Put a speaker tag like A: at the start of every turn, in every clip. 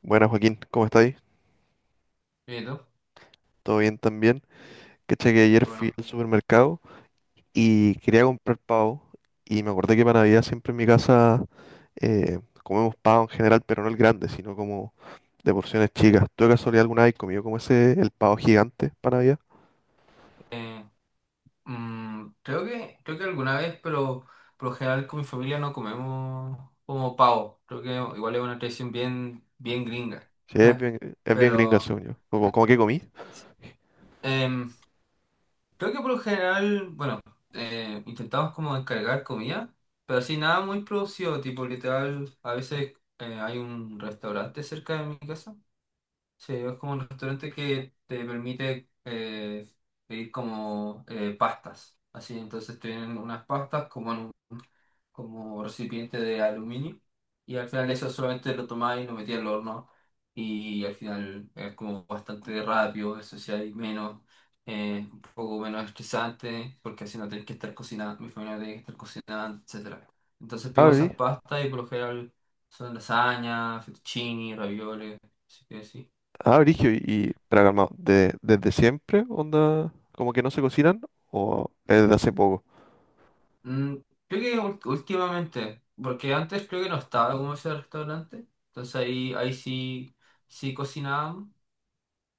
A: Buenas Joaquín, ¿cómo estáis?
B: Bien, ¿y tú? Qué
A: ¿Todo bien también? Caché que ayer fui
B: Bueno,
A: al supermercado y quería comprar pavo y me acordé que para Navidad siempre en mi casa comemos pavo en general, pero no el grande, sino como de porciones chicas. ¿Tú de casualidad alguna vez comido como ese, el pavo gigante para Navidad?
B: eh, creo que alguna vez, pero por lo general con mi familia no comemos como pavo. Creo que igual es una tradición bien, bien gringa.
A: Sí, es bien, es bien gringa,
B: Pero
A: según yo. ¿Cómo que comí?
B: em, creo que por lo general, bueno, intentamos como encargar comida, pero así nada muy producido, tipo literal, a veces hay un restaurante cerca de mi casa. Sí, es como un restaurante que te permite pedir como pastas. Así, entonces tienen unas pastas como en un como recipiente de aluminio y al final eso solamente lo tomás y lo metías al horno y al final es como bastante rápido, eso sí hay menos, un poco menos estresante porque así no tenés que estar cocinando, mi familia no tiene que estar cocinando, etcétera. Entonces
A: Ah,
B: pedimos
A: brí-
B: esas pastas y por lo general son lasaña, fettuccini, ravioles, así que sí.
A: ah, brigio,
B: Sí.
A: y pero calmado, ¿desde siempre onda como que no se cocinan o es de hace poco?
B: Mm, creo que últimamente, porque antes creo que no estaba como ese restaurante, entonces ahí, ahí sí, sí cocinábamos,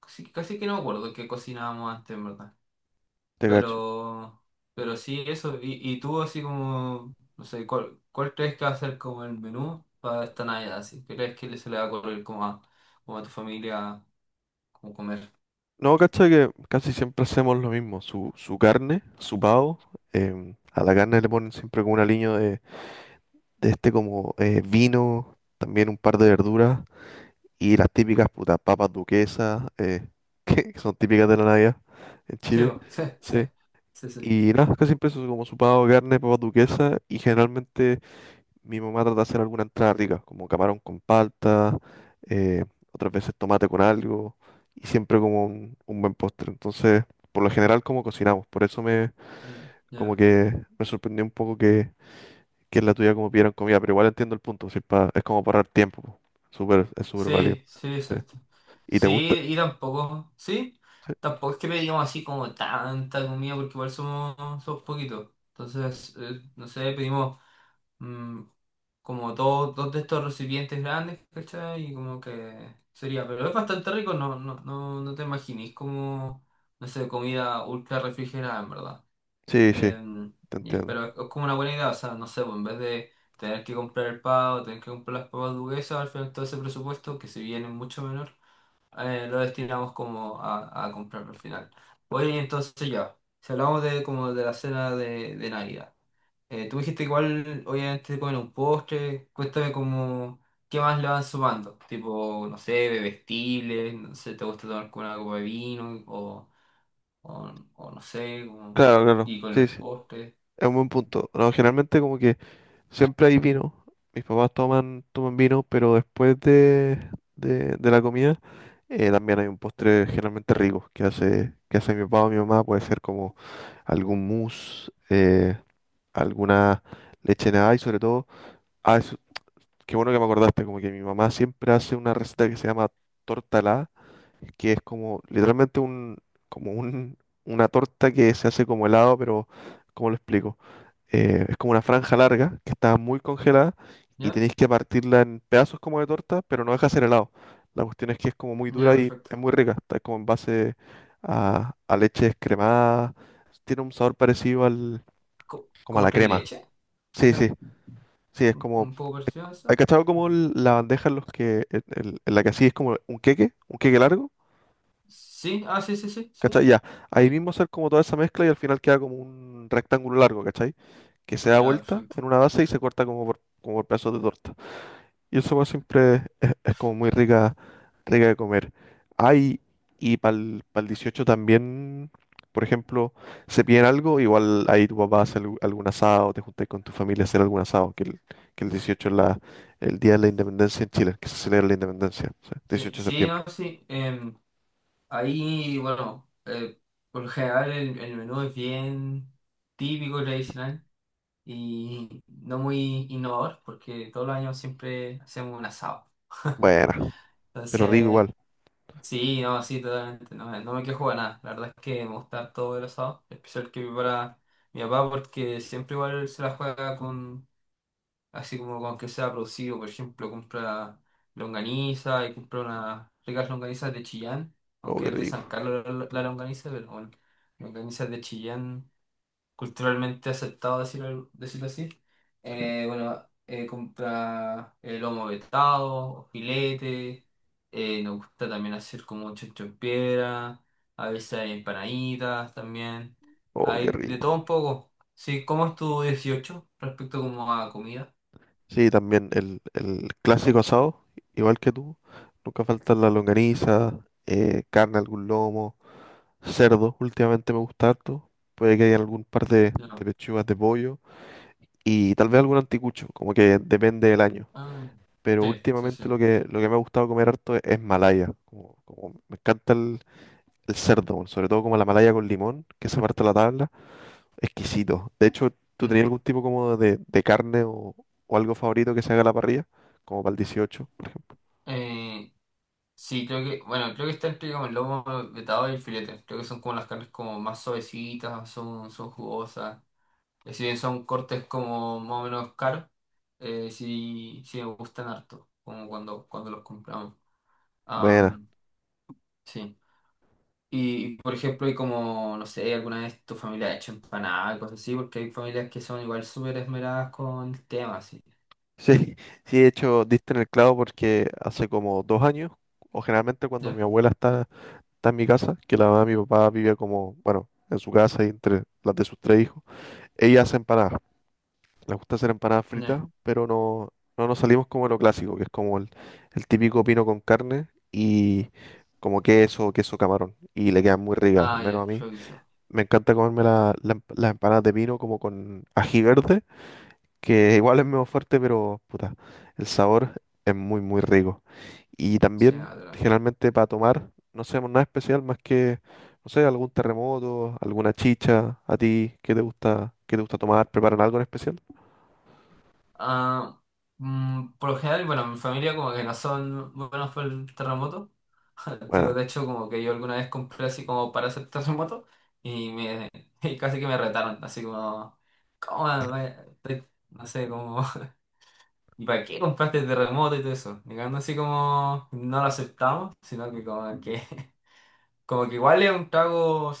B: casi, casi que no me acuerdo que cocinábamos antes, en verdad,
A: Te cacho.
B: pero, pero sí eso, y tú así como, no sé, cuál crees que va a ser como el menú para esta Navidad? ¿Así? ¿Qué crees que se le va a ocurrir como a, como a tu familia, como comer?
A: No, cacha que casi siempre hacemos lo mismo. Su carne, su pavo. A la carne le ponen siempre como un aliño de este como vino, también un par de verduras y las típicas putas papas duquesas, que son típicas de la Navidad en
B: Sí,
A: Chile.
B: bo, sí, sí,
A: Sí.
B: sí, sí.
A: Y nada, casi siempre eso es como su pavo, carne, papas duquesas, y generalmente mi mamá trata de hacer alguna entrada rica, como camarón con palta, eh, otras veces tomate con algo, y siempre como un buen postre. Entonces, por lo general, como cocinamos. Por eso
B: Mm,
A: como
B: ya.
A: que me sorprendió un poco que, en la tuya como pidieran comida, pero igual entiendo el punto, si es como para ahorrar tiempo, po. Súper, es súper válido.
B: Sí, sí,
A: Sí.
B: exacto.
A: ¿Y te
B: Sí,
A: gusta?
B: y tampoco, sí,
A: Sí,
B: tampoco es que pedimos así como tanta comida porque igual somos, somos poquitos. Entonces, no sé, pedimos mm, como dos, dos de estos recipientes grandes, ¿cachai? Y como que sería, pero es bastante rico, no, no, no, no te imaginís como, no sé, comida ultra refrigerada, en verdad.
A: sí, sí,
B: Em,
A: te entiendo.
B: pero es como una buena idea, o sea, no sé, pues, en vez de tener que comprar el pavo, tener que comprar las papas duquesas, al final todo ese presupuesto, que si bien es mucho menor, lo destinamos como a comprar al final. Oye, entonces ya, si hablamos de como de la cena de Navidad, tú dijiste igual, obviamente comen un postre, cuéntame como, ¿qué más le van sumando? Tipo, no sé, bebestibles, no sé, ¿te gusta tomar con una copa de vino? O no sé, como,
A: Claro, claro.
B: y con
A: Sí,
B: el
A: sí,
B: postre.
A: es un buen punto. No, generalmente como que siempre hay vino. Mis papás toman vino, pero después de la comida. También hay un postre generalmente rico que hace mi papá o mi mamá. Puede ser como algún mousse, alguna leche en y sobre todo. Qué bueno que me acordaste, como que mi mamá siempre hace una receta que se llama torta helada, que es como literalmente como un, una torta que se hace como helado, pero ¿cómo lo explico? Es como una franja larga que está muy congelada y
B: ¿Ya?
A: tenéis que partirla en pedazos como de torta, pero no deja de ser helado. La cuestión es que es como muy dura
B: Ya,
A: y
B: perfecto.
A: es muy rica, está como en base a leche descremada, tiene un sabor parecido como a
B: ¿Como
A: la
B: tres
A: crema.
B: leches?
A: Sí, sí.
B: ¿Quizá?
A: Sí, es como.
B: Un poco
A: es-
B: parecido a
A: ¿Hay
B: eso?
A: cachado como
B: Mm.
A: la bandeja en, los que, en, en la que así es como un queque largo?
B: Sí, ah, sí, sí, sí, sí.
A: ¿Cachai? Ya. Ahí
B: Ahí,
A: mismo hacer como toda esa mezcla y al final queda como un rectángulo largo, ¿cachai? Que se da
B: ya,
A: vuelta
B: perfecto.
A: en una base y se corta como por pedazos de torta. Y esa hueá siempre es como muy rica, rica de comer. Hay, y para el 18 también, por ejemplo, se piden algo, igual ahí tu papá hace algún asado, te juntas con tu familia a hacer algún asado, que el
B: Sí,
A: 18 es el día de la independencia en Chile, que se celebra la independencia, sí,
B: sí,
A: 18 de
B: sí,
A: septiembre.
B: no, sí. Ahí, bueno, por lo general el menú es bien típico, tradicional y no muy innovador porque todos los años siempre hacemos un asado.
A: Buena, pero rico
B: Entonces,
A: igual.
B: sí, no, sí, totalmente. No, me no me quejo de nada. La verdad es que me gusta todo el asado, especial que prepara mi papá, porque siempre igual se la juega con, así como con que sea producido. Por ejemplo, compra longaniza y compra unas ricas longanizas de Chillán,
A: Oh,
B: aunque
A: qué
B: es de San
A: rico.
B: Carlos la, la longaniza, pero bueno, longanizas de Chillán culturalmente aceptado decirlo, decirlo así.
A: Sí.
B: Bueno, compra el lomo vetado, o filete, nos gusta también hacer como chancho en piedra, a veces hay empanaditas también,
A: Oh, qué
B: hay de todo un
A: rico.
B: poco. Sí, ¿cómo es tu 18 respecto como a comida?
A: Sí, también el clásico asado, igual que tú, nunca falta la longaniza, carne, algún lomo. Cerdo, últimamente me gusta harto. Puede que haya algún par de
B: No.
A: pechugas de pollo y tal vez algún anticucho, como que depende del año.
B: Ah,
A: Pero
B: sí, sí,
A: últimamente
B: sí.
A: lo que me ha gustado comer harto es malaya. Como me encanta el cerdo, bueno, sobre todo como la malaya con limón, que se parte la tabla, exquisito. De hecho, ¿tú tenías
B: Mm.
A: algún tipo como de carne o algo favorito que se haga a la parrilla? Como para el 18 por ejemplo.
B: Eh, sí, creo que, bueno, creo que está entre como el lomo vetado y el filete. Creo que son como las carnes como más suavecitas, son, son jugosas. Si bien son cortes como más o menos caros, sí, sí me gustan harto, como cuando, cuando los compramos.
A: Buena.
B: Am, sí. Y, por ejemplo, hay como, no sé, alguna vez tu familia ha hecho empanadas, cosas así, porque hay familias que son igual súper esmeradas con el tema, así.
A: Sí, sí, de hecho, diste en el clavo porque hace como 2 años, o generalmente cuando
B: ¿Ya?
A: mi abuela está en mi casa, que la mamá de mi papá vivía como, bueno, en su casa y entre las de sus tres hijos. Ella hace empanadas. Le gusta hacer empanadas fritas,
B: Ya.
A: pero no, no nos salimos como de lo clásico, que es como el típico pino con carne y como queso, queso camarón. Y le quedan muy ricas, al
B: Ah,
A: menos a
B: ya,
A: mí.
B: perfecto.
A: Me encanta comerme las empanadas de pino como con ají verde que igual es menos fuerte, pero puta, el sabor es muy, muy rico. Y
B: Sí,
A: también,
B: atrás.
A: generalmente para tomar, no hacemos nada especial más que, no sé, algún terremoto, alguna chicha. ¿A ti qué te gusta tomar? ¿Preparan algo en especial?
B: Ah, por lo general, bueno, mi familia como que no son buenos por el terremoto.
A: Bueno,
B: Tipo, de hecho, como que yo alguna vez compré así como para hacer terremoto y, me, y casi que me retaron, así como, ¿cómo? No sé, como, ¿y para qué compraste terremoto y todo eso? Llegando así como, no lo aceptamos, sino que como que, como que igual es un trago,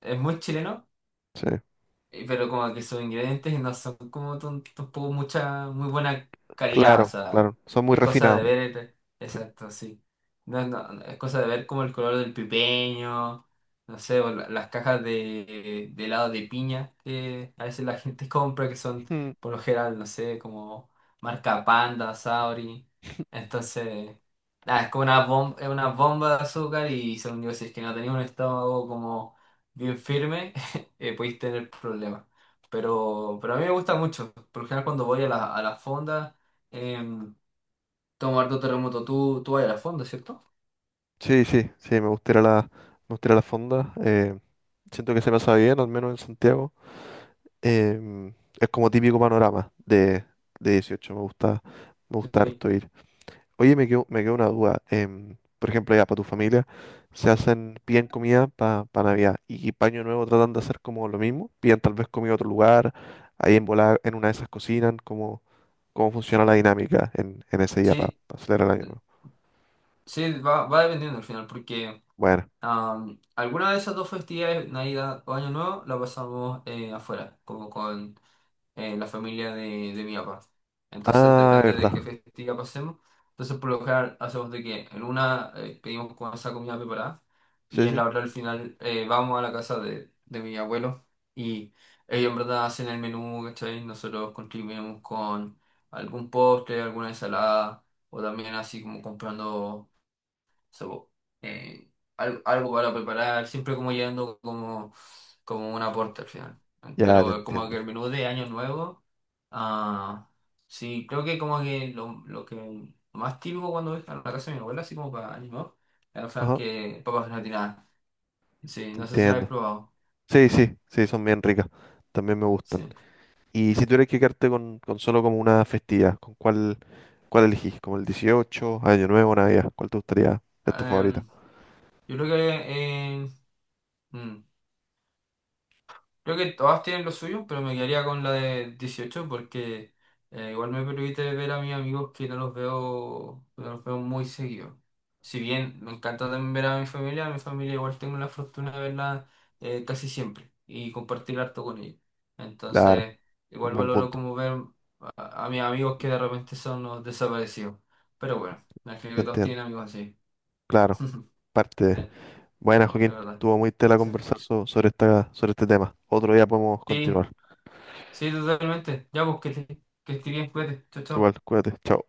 B: es muy chileno.
A: sí,
B: Pero como que sus ingredientes no son como tampoco mucha, muy buena calidad, o
A: claro,
B: sea,
A: claro, son muy
B: es cosa
A: refinados.
B: de ver,
A: Sí.
B: exacto, sí. No, no, no, es cosa de ver como el color del pipeño, no sé, o las cajas de helado de piña que a veces la gente compra, que son
A: Mm.
B: por lo general, no sé, como marca Panda, Sauri. Entonces, nada, es como una bomba, es una bomba de azúcar y según yo, si es que no tenía un estómago como bien firme podéis tener problemas. Pero a mí me gusta mucho. Por lo general, cuando voy a la fonda, em, tomo harto terremoto. Tú vas a la fonda, ¿cierto?
A: Sí, sí, sí, me gustaría la, fonda. Siento que se pasa bien, al menos en Santiago. em, es como típico panorama de 18, me gusta
B: Sí.
A: harto ir. Oye, me quedó una duda. Por ejemplo, ya para tu familia, piden comida para Navidad y, para Año Nuevo tratan de hacer como lo mismo. Piden tal vez comida a otro lugar, ahí en volada, en una de esas cocinan, cómo funciona la dinámica en ese día para
B: Sí,
A: celebrar el Año Nuevo.
B: sí, va, va dependiendo al final, porque
A: Bueno.
B: alguna de esas dos festividades, Navidad o Año Nuevo, la pasamos afuera, como con la familia de mi papá. Entonces
A: Ah,
B: depende de qué
A: verdad.
B: festiva pasemos. Entonces por lo general hacemos de que en una pedimos con esa comida preparada y
A: Sí,
B: en
A: sí.
B: la otra al final vamos a la casa de mi abuelo y ellos en verdad hacen el menú, ¿cachai? Nosotros contribuimos con algún postre, alguna ensalada o también así como comprando so, eh, algo, para preparar, siempre como yendo como, como un aporte al final.
A: Ya te
B: Pero como que
A: entiendo.
B: el menú de Año Nuevo, ah, sí, creo que como que lo que más típico cuando voy a la casa de mi abuela, así como para Año Nuevo, es sea,
A: Ajá,
B: que papas gratinadas. Sí,
A: te
B: no sé si lo
A: entiendo.
B: habéis probado.
A: Sí, sí, sí, son bien ricas. También me gustan.
B: Sí.
A: Y si tuvieras que quedarte con solo como una festividad, ¿con cuál elegís? ¿Como el 18, Año Nuevo, Navidad? ¿Cuál te gustaría? ¿Es tu favorita?
B: Em, yo creo que eh, mm, creo que todas tienen lo suyo, pero me quedaría con la de 18 porque igual me permite ver a mis amigos que no los veo, no los veo muy seguido. Si bien me encanta también ver a mi familia igual tengo la fortuna de verla casi siempre y compartir harto con ellos.
A: Claro,
B: Entonces,
A: un
B: igual
A: buen
B: valoro
A: punto.
B: como ver a mis amigos que de repente son los desaparecidos. Pero bueno, me imagino
A: Te
B: que todos
A: entiendo.
B: tienen amigos así.
A: Claro, parte
B: Sí,
A: de...
B: es
A: Buena, Joaquín.
B: verdad.
A: Estuvo muy tela
B: Sí.
A: conversar sobre sobre este tema. Otro día podemos
B: Sí,
A: continuar.
B: sí, totalmente. Ya, pues que estés bien, cuídate. Chao,
A: Tú
B: chao.
A: igual, cuídate. Chao.